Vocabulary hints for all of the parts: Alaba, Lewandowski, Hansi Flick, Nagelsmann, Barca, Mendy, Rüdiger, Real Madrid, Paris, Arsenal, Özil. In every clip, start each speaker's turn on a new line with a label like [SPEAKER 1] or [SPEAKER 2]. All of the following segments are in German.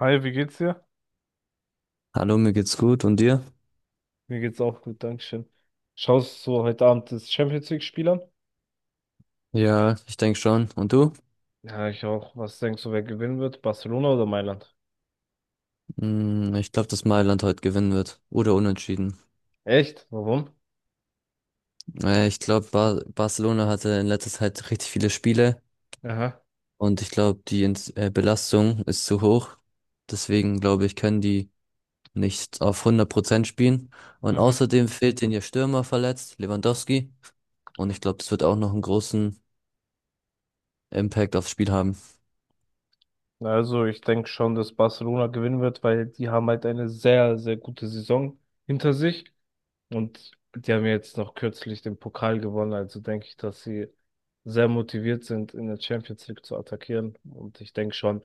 [SPEAKER 1] Hi, wie geht's dir?
[SPEAKER 2] Hallo, mir geht's gut und dir?
[SPEAKER 1] Mir geht's auch gut, Dankeschön. Schaust du heute Abend das Champions League-Spiel an?
[SPEAKER 2] Ja, ich denke schon. Und du?
[SPEAKER 1] Ja, ich auch. Was denkst du, wer gewinnen wird? Barcelona oder Mailand?
[SPEAKER 2] Ich glaube, dass Mailand heute gewinnen wird. Oder unentschieden.
[SPEAKER 1] Echt? Warum?
[SPEAKER 2] Ich glaube, Barcelona hatte in letzter Zeit richtig viele Spiele
[SPEAKER 1] Aha.
[SPEAKER 2] und ich glaube, die Belastung ist zu hoch. Deswegen glaube ich, können die nicht auf 100% spielen. Und
[SPEAKER 1] Mhm.
[SPEAKER 2] außerdem fehlt denen ihr Stürmer verletzt, Lewandowski. Und ich glaube, das wird auch noch einen großen Impact aufs Spiel haben.
[SPEAKER 1] Also, ich denke schon, dass Barcelona gewinnen wird, weil die haben halt eine sehr, sehr gute Saison hinter sich. Und die haben ja jetzt noch kürzlich den Pokal gewonnen, also denke ich, dass sie sehr motiviert sind, in der Champions League zu attackieren. Und ich denke schon,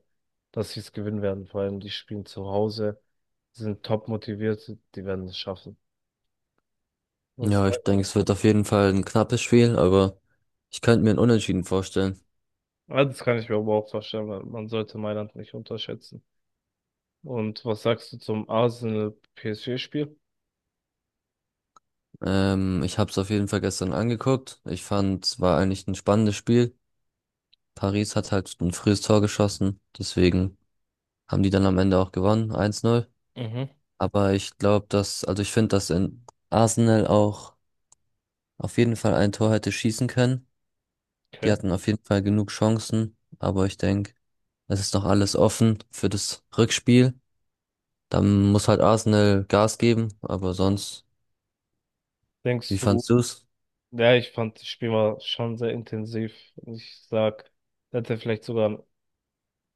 [SPEAKER 1] dass sie es gewinnen werden. Vor allem, die spielen zu Hause, sind top motiviert, die werden es schaffen. Das,
[SPEAKER 2] Ja, ich denke, es wird auf jeden Fall ein knappes Spiel, aber ich könnte mir ein Unentschieden vorstellen.
[SPEAKER 1] ja, das kann ich mir aber auch vorstellen, weil man sollte Mailand nicht unterschätzen. Und was sagst du zum Arsenal-PSG-Spiel?
[SPEAKER 2] Ich habe es auf jeden Fall gestern angeguckt. Ich fand, es war eigentlich ein spannendes Spiel. Paris hat halt ein frühes Tor geschossen, deswegen haben die dann am Ende auch gewonnen, 1-0.
[SPEAKER 1] Mhm,
[SPEAKER 2] Aber ich glaube, dass, also ich finde, dass in Arsenal auch auf jeden Fall ein Tor hätte schießen können. Die
[SPEAKER 1] okay.
[SPEAKER 2] hatten auf jeden Fall genug Chancen, aber ich denke, es ist noch alles offen für das Rückspiel. Dann muss halt Arsenal Gas geben, aber sonst, wie
[SPEAKER 1] Denkst du,
[SPEAKER 2] fandst du's?
[SPEAKER 1] ja, ich fand das Spiel war schon sehr intensiv. Ich sag, hätte vielleicht sogar ein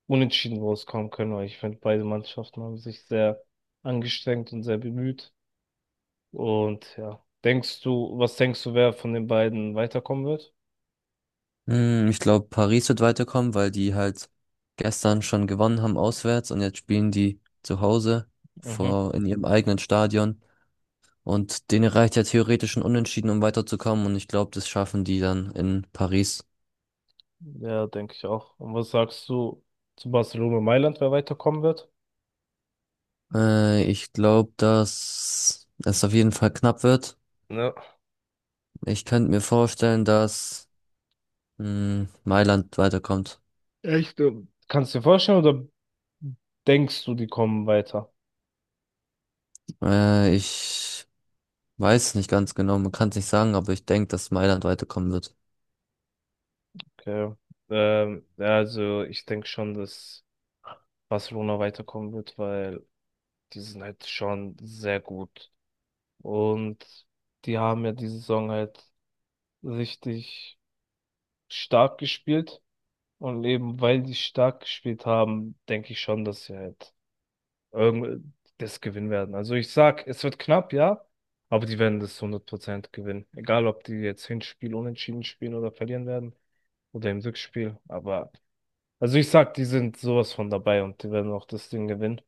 [SPEAKER 1] unentschieden rauskommen können, weil ich finde, beide Mannschaften haben sich sehr angestrengt und sehr bemüht. Und ja, was denkst du, wer von den beiden weiterkommen wird?
[SPEAKER 2] Ich glaube, Paris wird weiterkommen, weil die halt gestern schon gewonnen haben auswärts und jetzt spielen die zu Hause
[SPEAKER 1] Mhm.
[SPEAKER 2] vor in ihrem eigenen Stadion. Und denen reicht ja theoretisch ein Unentschieden, um weiterzukommen. Und ich glaube, das schaffen die dann in Paris.
[SPEAKER 1] Ja, denke ich auch. Und was sagst du zu Barcelona und Mailand, wer weiterkommen wird?
[SPEAKER 2] Ich glaube, dass es auf jeden Fall knapp wird.
[SPEAKER 1] Ja.
[SPEAKER 2] Ich könnte mir vorstellen, dass Mailand weiterkommt.
[SPEAKER 1] Echt? Kannst du dir vorstellen oder denkst du, die kommen weiter?
[SPEAKER 2] Ich weiß nicht ganz genau, man kann es nicht sagen, aber ich denke, dass Mailand weiterkommen wird.
[SPEAKER 1] Okay. Ja, also ich denke schon, dass Barcelona weiterkommen wird, weil die sind halt schon sehr gut. Und die haben ja diese Saison halt richtig stark gespielt. Und eben weil die stark gespielt haben, denke ich schon, dass sie halt irgend das gewinnen werden. Also ich sag, es wird knapp, ja, aber die werden das 100% gewinnen. Egal, ob die jetzt Hinspiel unentschieden spielen oder verlieren werden oder im Rückspiel. Aber also ich sag, die sind sowas von dabei und die werden auch das Ding gewinnen.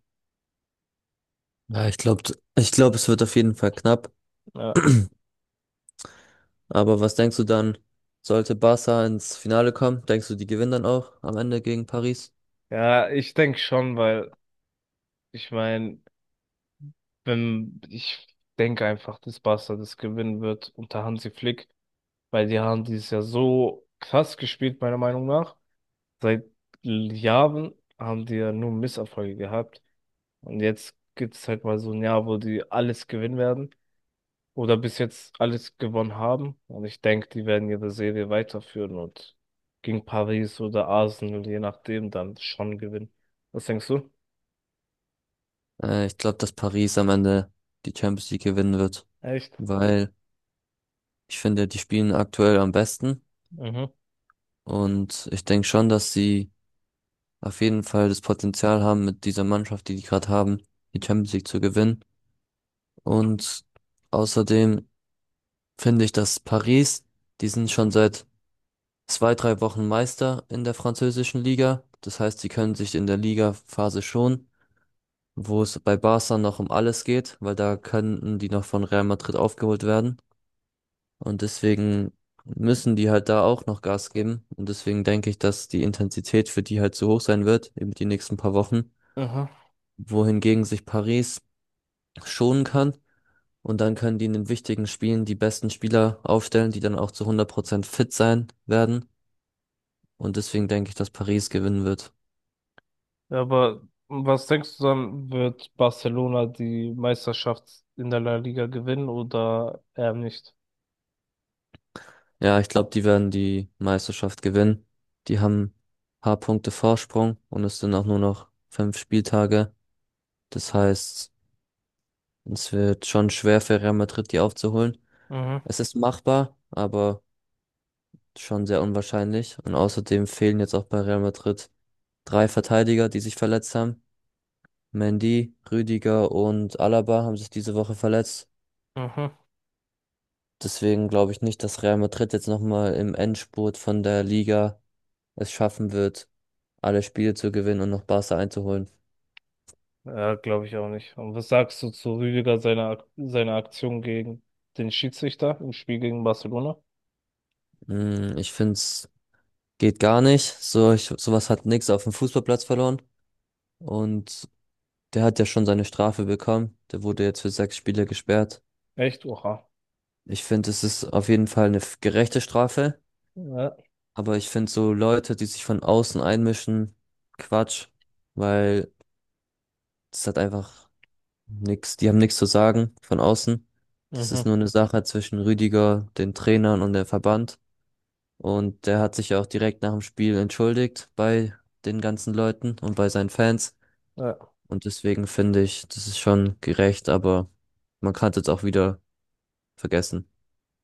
[SPEAKER 2] Ja, ich glaube, es wird auf jeden Fall knapp.
[SPEAKER 1] Ja,
[SPEAKER 2] Aber was denkst du dann, sollte Barca ins Finale kommen? Denkst du, die gewinnen dann auch am Ende gegen Paris?
[SPEAKER 1] ja ich denke schon, weil ich meine, Wenn, ich denke einfach, dass Barca das gewinnen wird unter Hansi Flick, weil die haben dieses Jahr so krass gespielt, meiner Meinung nach. Seit Jahren haben die ja nur Misserfolge gehabt. Und jetzt gibt es halt mal so ein Jahr, wo die alles gewinnen werden oder bis jetzt alles gewonnen haben. Und ich denke, die werden ihre Serie weiterführen und gegen Paris oder Arsenal, je nachdem, dann schon gewinnen. Was denkst du?
[SPEAKER 2] Ich glaube, dass Paris am Ende die Champions League gewinnen wird,
[SPEAKER 1] Echt?
[SPEAKER 2] weil ich finde, die spielen aktuell am besten.
[SPEAKER 1] Mhm.
[SPEAKER 2] Und ich denke schon, dass sie auf jeden Fall das Potenzial haben, mit dieser Mannschaft, die die gerade haben, die Champions League zu gewinnen. Und außerdem finde ich, dass Paris, die sind schon seit 2, 3 Wochen Meister in der französischen Liga. Das heißt, sie können sich in der Ligaphase schon, wo es bei Barca noch um alles geht, weil da könnten die noch von Real Madrid aufgeholt werden. Und deswegen müssen die halt da auch noch Gas geben. Und deswegen denke ich, dass die Intensität für die halt zu hoch sein wird, eben die nächsten paar Wochen,
[SPEAKER 1] Aha.
[SPEAKER 2] wohingegen sich Paris schonen kann. Und dann können die in den wichtigen Spielen die besten Spieler aufstellen, die dann auch zu 100% fit sein werden. Und deswegen denke ich, dass Paris gewinnen wird.
[SPEAKER 1] Aber was denkst du dann, wird Barcelona die Meisterschaft in der La Liga gewinnen oder eher nicht?
[SPEAKER 2] Ja, ich glaube, die werden die Meisterschaft gewinnen. Die haben paar Punkte Vorsprung und es sind auch nur noch fünf Spieltage. Das heißt, es wird schon schwer für Real Madrid, die aufzuholen.
[SPEAKER 1] Mhm,
[SPEAKER 2] Es ist machbar, aber schon sehr unwahrscheinlich. Und außerdem fehlen jetzt auch bei Real Madrid drei Verteidiger, die sich verletzt haben. Mendy, Rüdiger und Alaba haben sich diese Woche verletzt.
[SPEAKER 1] mhm.
[SPEAKER 2] Deswegen glaube ich nicht, dass Real Madrid jetzt nochmal im Endspurt von der Liga es schaffen wird, alle Spiele zu gewinnen und noch Barca einzuholen.
[SPEAKER 1] Ja, glaube ich auch nicht. Und was sagst du zu Rüdiger seiner Aktion gegen den Schiedsrichter im Spiel gegen Barcelona?
[SPEAKER 2] Ich finde, es geht gar nicht. So, ich, sowas hat nix auf dem Fußballplatz verloren. Und der hat ja schon seine Strafe bekommen. Der wurde jetzt für sechs Spiele gesperrt.
[SPEAKER 1] Echt? Oha.
[SPEAKER 2] Ich finde, es ist auf jeden Fall eine gerechte Strafe.
[SPEAKER 1] Ja.
[SPEAKER 2] Aber ich finde so Leute, die sich von außen einmischen, Quatsch, weil das hat einfach nix. Die haben nichts zu sagen von außen. Das ist
[SPEAKER 1] Mhm.
[SPEAKER 2] nur eine Sache zwischen Rüdiger, den Trainern und dem Verband. Und der hat sich ja auch direkt nach dem Spiel entschuldigt bei den ganzen Leuten und bei seinen Fans.
[SPEAKER 1] Ja.
[SPEAKER 2] Und deswegen finde ich, das ist schon gerecht, aber man kann es jetzt auch wieder vergessen.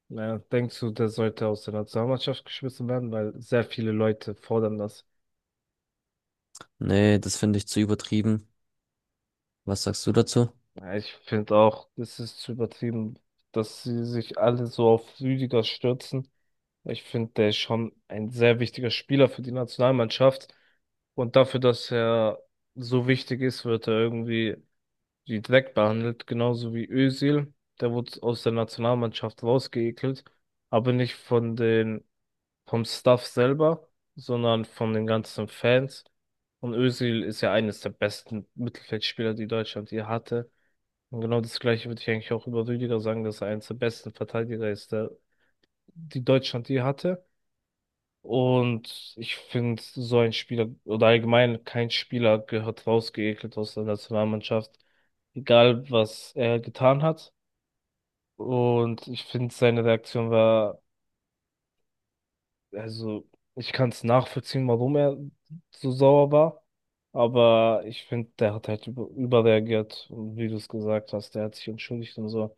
[SPEAKER 1] Ja, denkst du, der sollte aus der Nationalmannschaft geschmissen werden, weil sehr viele Leute fordern das.
[SPEAKER 2] Nee, das finde ich zu übertrieben. Was sagst du dazu?
[SPEAKER 1] Ja, ich finde auch, es ist zu übertrieben, dass sie sich alle so auf Rüdiger stürzen. Ich finde, der ist schon ein sehr wichtiger Spieler für die Nationalmannschaft. Und dafür, dass er so wichtig ist, wird er irgendwie wie Dreck behandelt, genauso wie Özil. Der wurde aus der Nationalmannschaft rausgeekelt, aber nicht vom Staff selber, sondern von den ganzen Fans. Und Özil ist ja eines der besten Mittelfeldspieler, die Deutschland je hatte. Und genau das Gleiche würde ich eigentlich auch über Rüdiger sagen, dass er eines der besten Verteidiger ist, die Deutschland je hatte. Und ich finde, so ein Spieler oder allgemein kein Spieler gehört rausgeekelt aus der Nationalmannschaft, egal was er getan hat. Und ich finde, seine Reaktion war, also ich kann es nachvollziehen, warum er so sauer war. Aber ich finde, der hat halt überreagiert. Und wie du es gesagt hast, der hat sich entschuldigt und so.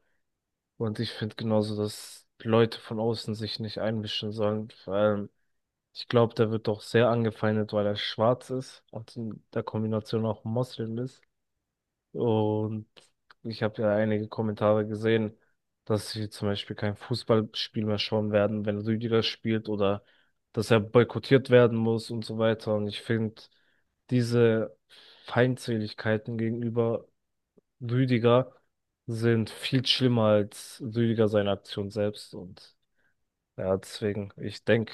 [SPEAKER 1] Und ich finde genauso, dass Leute von außen sich nicht einmischen sollen. Vor allem, ich glaube, der wird doch sehr angefeindet, weil er schwarz ist und in der Kombination auch Moslem ist. Und ich habe ja einige Kommentare gesehen, dass sie zum Beispiel kein Fußballspiel mehr schauen werden, wenn Rüdiger spielt oder dass er boykottiert werden muss und so weiter. Und ich finde, diese Feindseligkeiten gegenüber Rüdiger sind viel schlimmer als Rüdiger seine Aktion selbst. Und ja, deswegen, ich denke,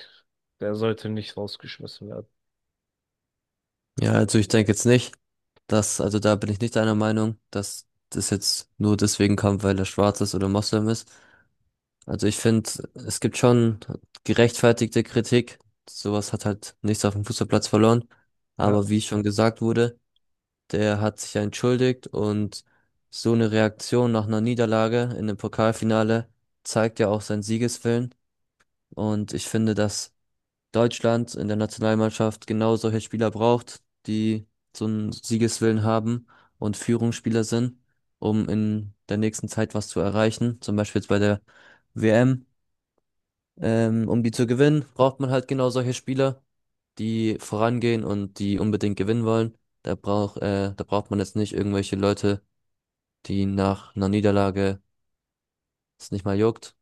[SPEAKER 1] der sollte nicht rausgeschmissen werden.
[SPEAKER 2] Ja, also ich denke jetzt nicht, dass, also da bin ich nicht einer Meinung, dass das jetzt nur deswegen kommt, weil er schwarz ist oder Moslem ist. Also ich finde, es gibt schon gerechtfertigte Kritik. Sowas hat halt nichts auf dem Fußballplatz verloren. Aber
[SPEAKER 1] Ja,
[SPEAKER 2] wie schon gesagt wurde, der hat sich ja entschuldigt und so eine Reaktion nach einer Niederlage in dem Pokalfinale zeigt ja auch seinen Siegeswillen. Und ich finde, dass Deutschland in der Nationalmannschaft genau solche Spieler braucht, die so einen Siegeswillen haben und Führungsspieler sind, um in der nächsten Zeit was zu erreichen. Zum Beispiel jetzt bei der WM. Um die zu gewinnen, braucht man halt genau solche Spieler, die vorangehen und die unbedingt gewinnen wollen. Da braucht man jetzt nicht irgendwelche Leute, die nach einer Niederlage es nicht mal juckt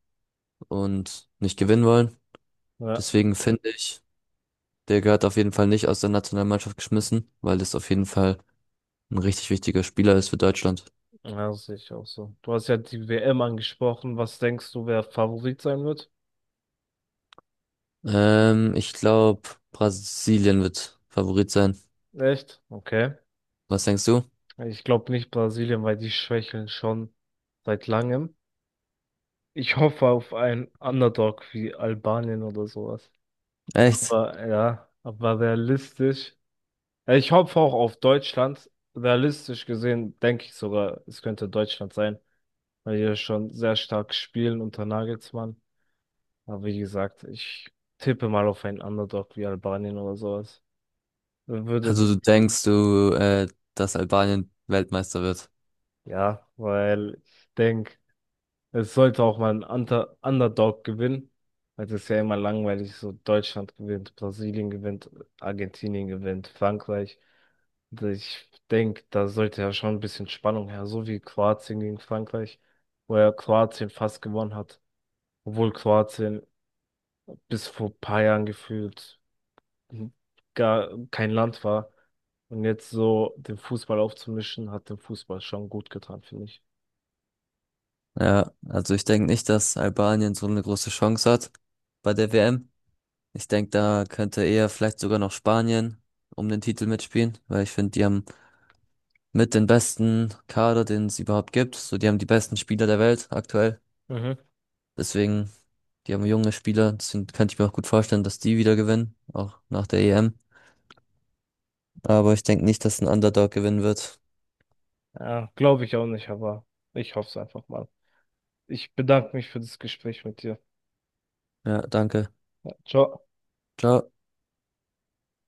[SPEAKER 2] und nicht gewinnen wollen.
[SPEAKER 1] ja,
[SPEAKER 2] Deswegen finde ich, der gehört auf jeden Fall nicht aus der Nationalmannschaft geschmissen, weil das auf jeden Fall ein richtig wichtiger Spieler ist für Deutschland.
[SPEAKER 1] ja, das sehe ich auch so. Du hast ja die WM angesprochen. Was denkst du, wer Favorit sein wird?
[SPEAKER 2] Ich glaube, Brasilien wird Favorit sein.
[SPEAKER 1] Echt? Okay.
[SPEAKER 2] Was denkst du?
[SPEAKER 1] Ich glaube nicht Brasilien, weil die schwächeln schon seit langem. Ich hoffe auf einen Underdog wie Albanien oder sowas.
[SPEAKER 2] Echt?
[SPEAKER 1] Aber ja, aber realistisch. Ja, ich hoffe auch auf Deutschland. Realistisch gesehen denke ich sogar, es könnte Deutschland sein, weil die ja schon sehr stark spielen unter Nagelsmann. Aber wie gesagt, ich tippe mal auf einen Underdog wie Albanien oder sowas. Würde,
[SPEAKER 2] Also du denkst du, dass Albanien Weltmeister wird?
[SPEAKER 1] ja, weil ich denke, es sollte auch mal ein Unter Underdog gewinnen, weil es ist ja immer langweilig, so Deutschland gewinnt, Brasilien gewinnt, Argentinien gewinnt, Frankreich. Also ich denke, da sollte ja schon ein bisschen Spannung her, so wie Kroatien gegen Frankreich, wo ja Kroatien fast gewonnen hat, obwohl Kroatien bis vor ein paar Jahren gefühlt gar kein Land war. Und jetzt so den Fußball aufzumischen, hat dem Fußball schon gut getan, finde ich.
[SPEAKER 2] Ja, also ich denke nicht, dass Albanien so eine große Chance hat bei der WM. Ich denke, da könnte eher vielleicht sogar noch Spanien um den Titel mitspielen, weil ich finde, die haben mit den besten Kader, den es überhaupt gibt. So, die haben die besten Spieler der Welt aktuell.
[SPEAKER 1] Mhm.
[SPEAKER 2] Deswegen, die haben junge Spieler, deswegen könnte ich mir auch gut vorstellen, dass die wieder gewinnen, auch nach der EM. Aber ich denke nicht, dass ein Underdog gewinnen wird.
[SPEAKER 1] Ja, glaube ich auch nicht, aber ich hoffe es einfach mal. Ich bedanke mich für das Gespräch mit dir.
[SPEAKER 2] Ja, danke.
[SPEAKER 1] Ciao.
[SPEAKER 2] Ciao.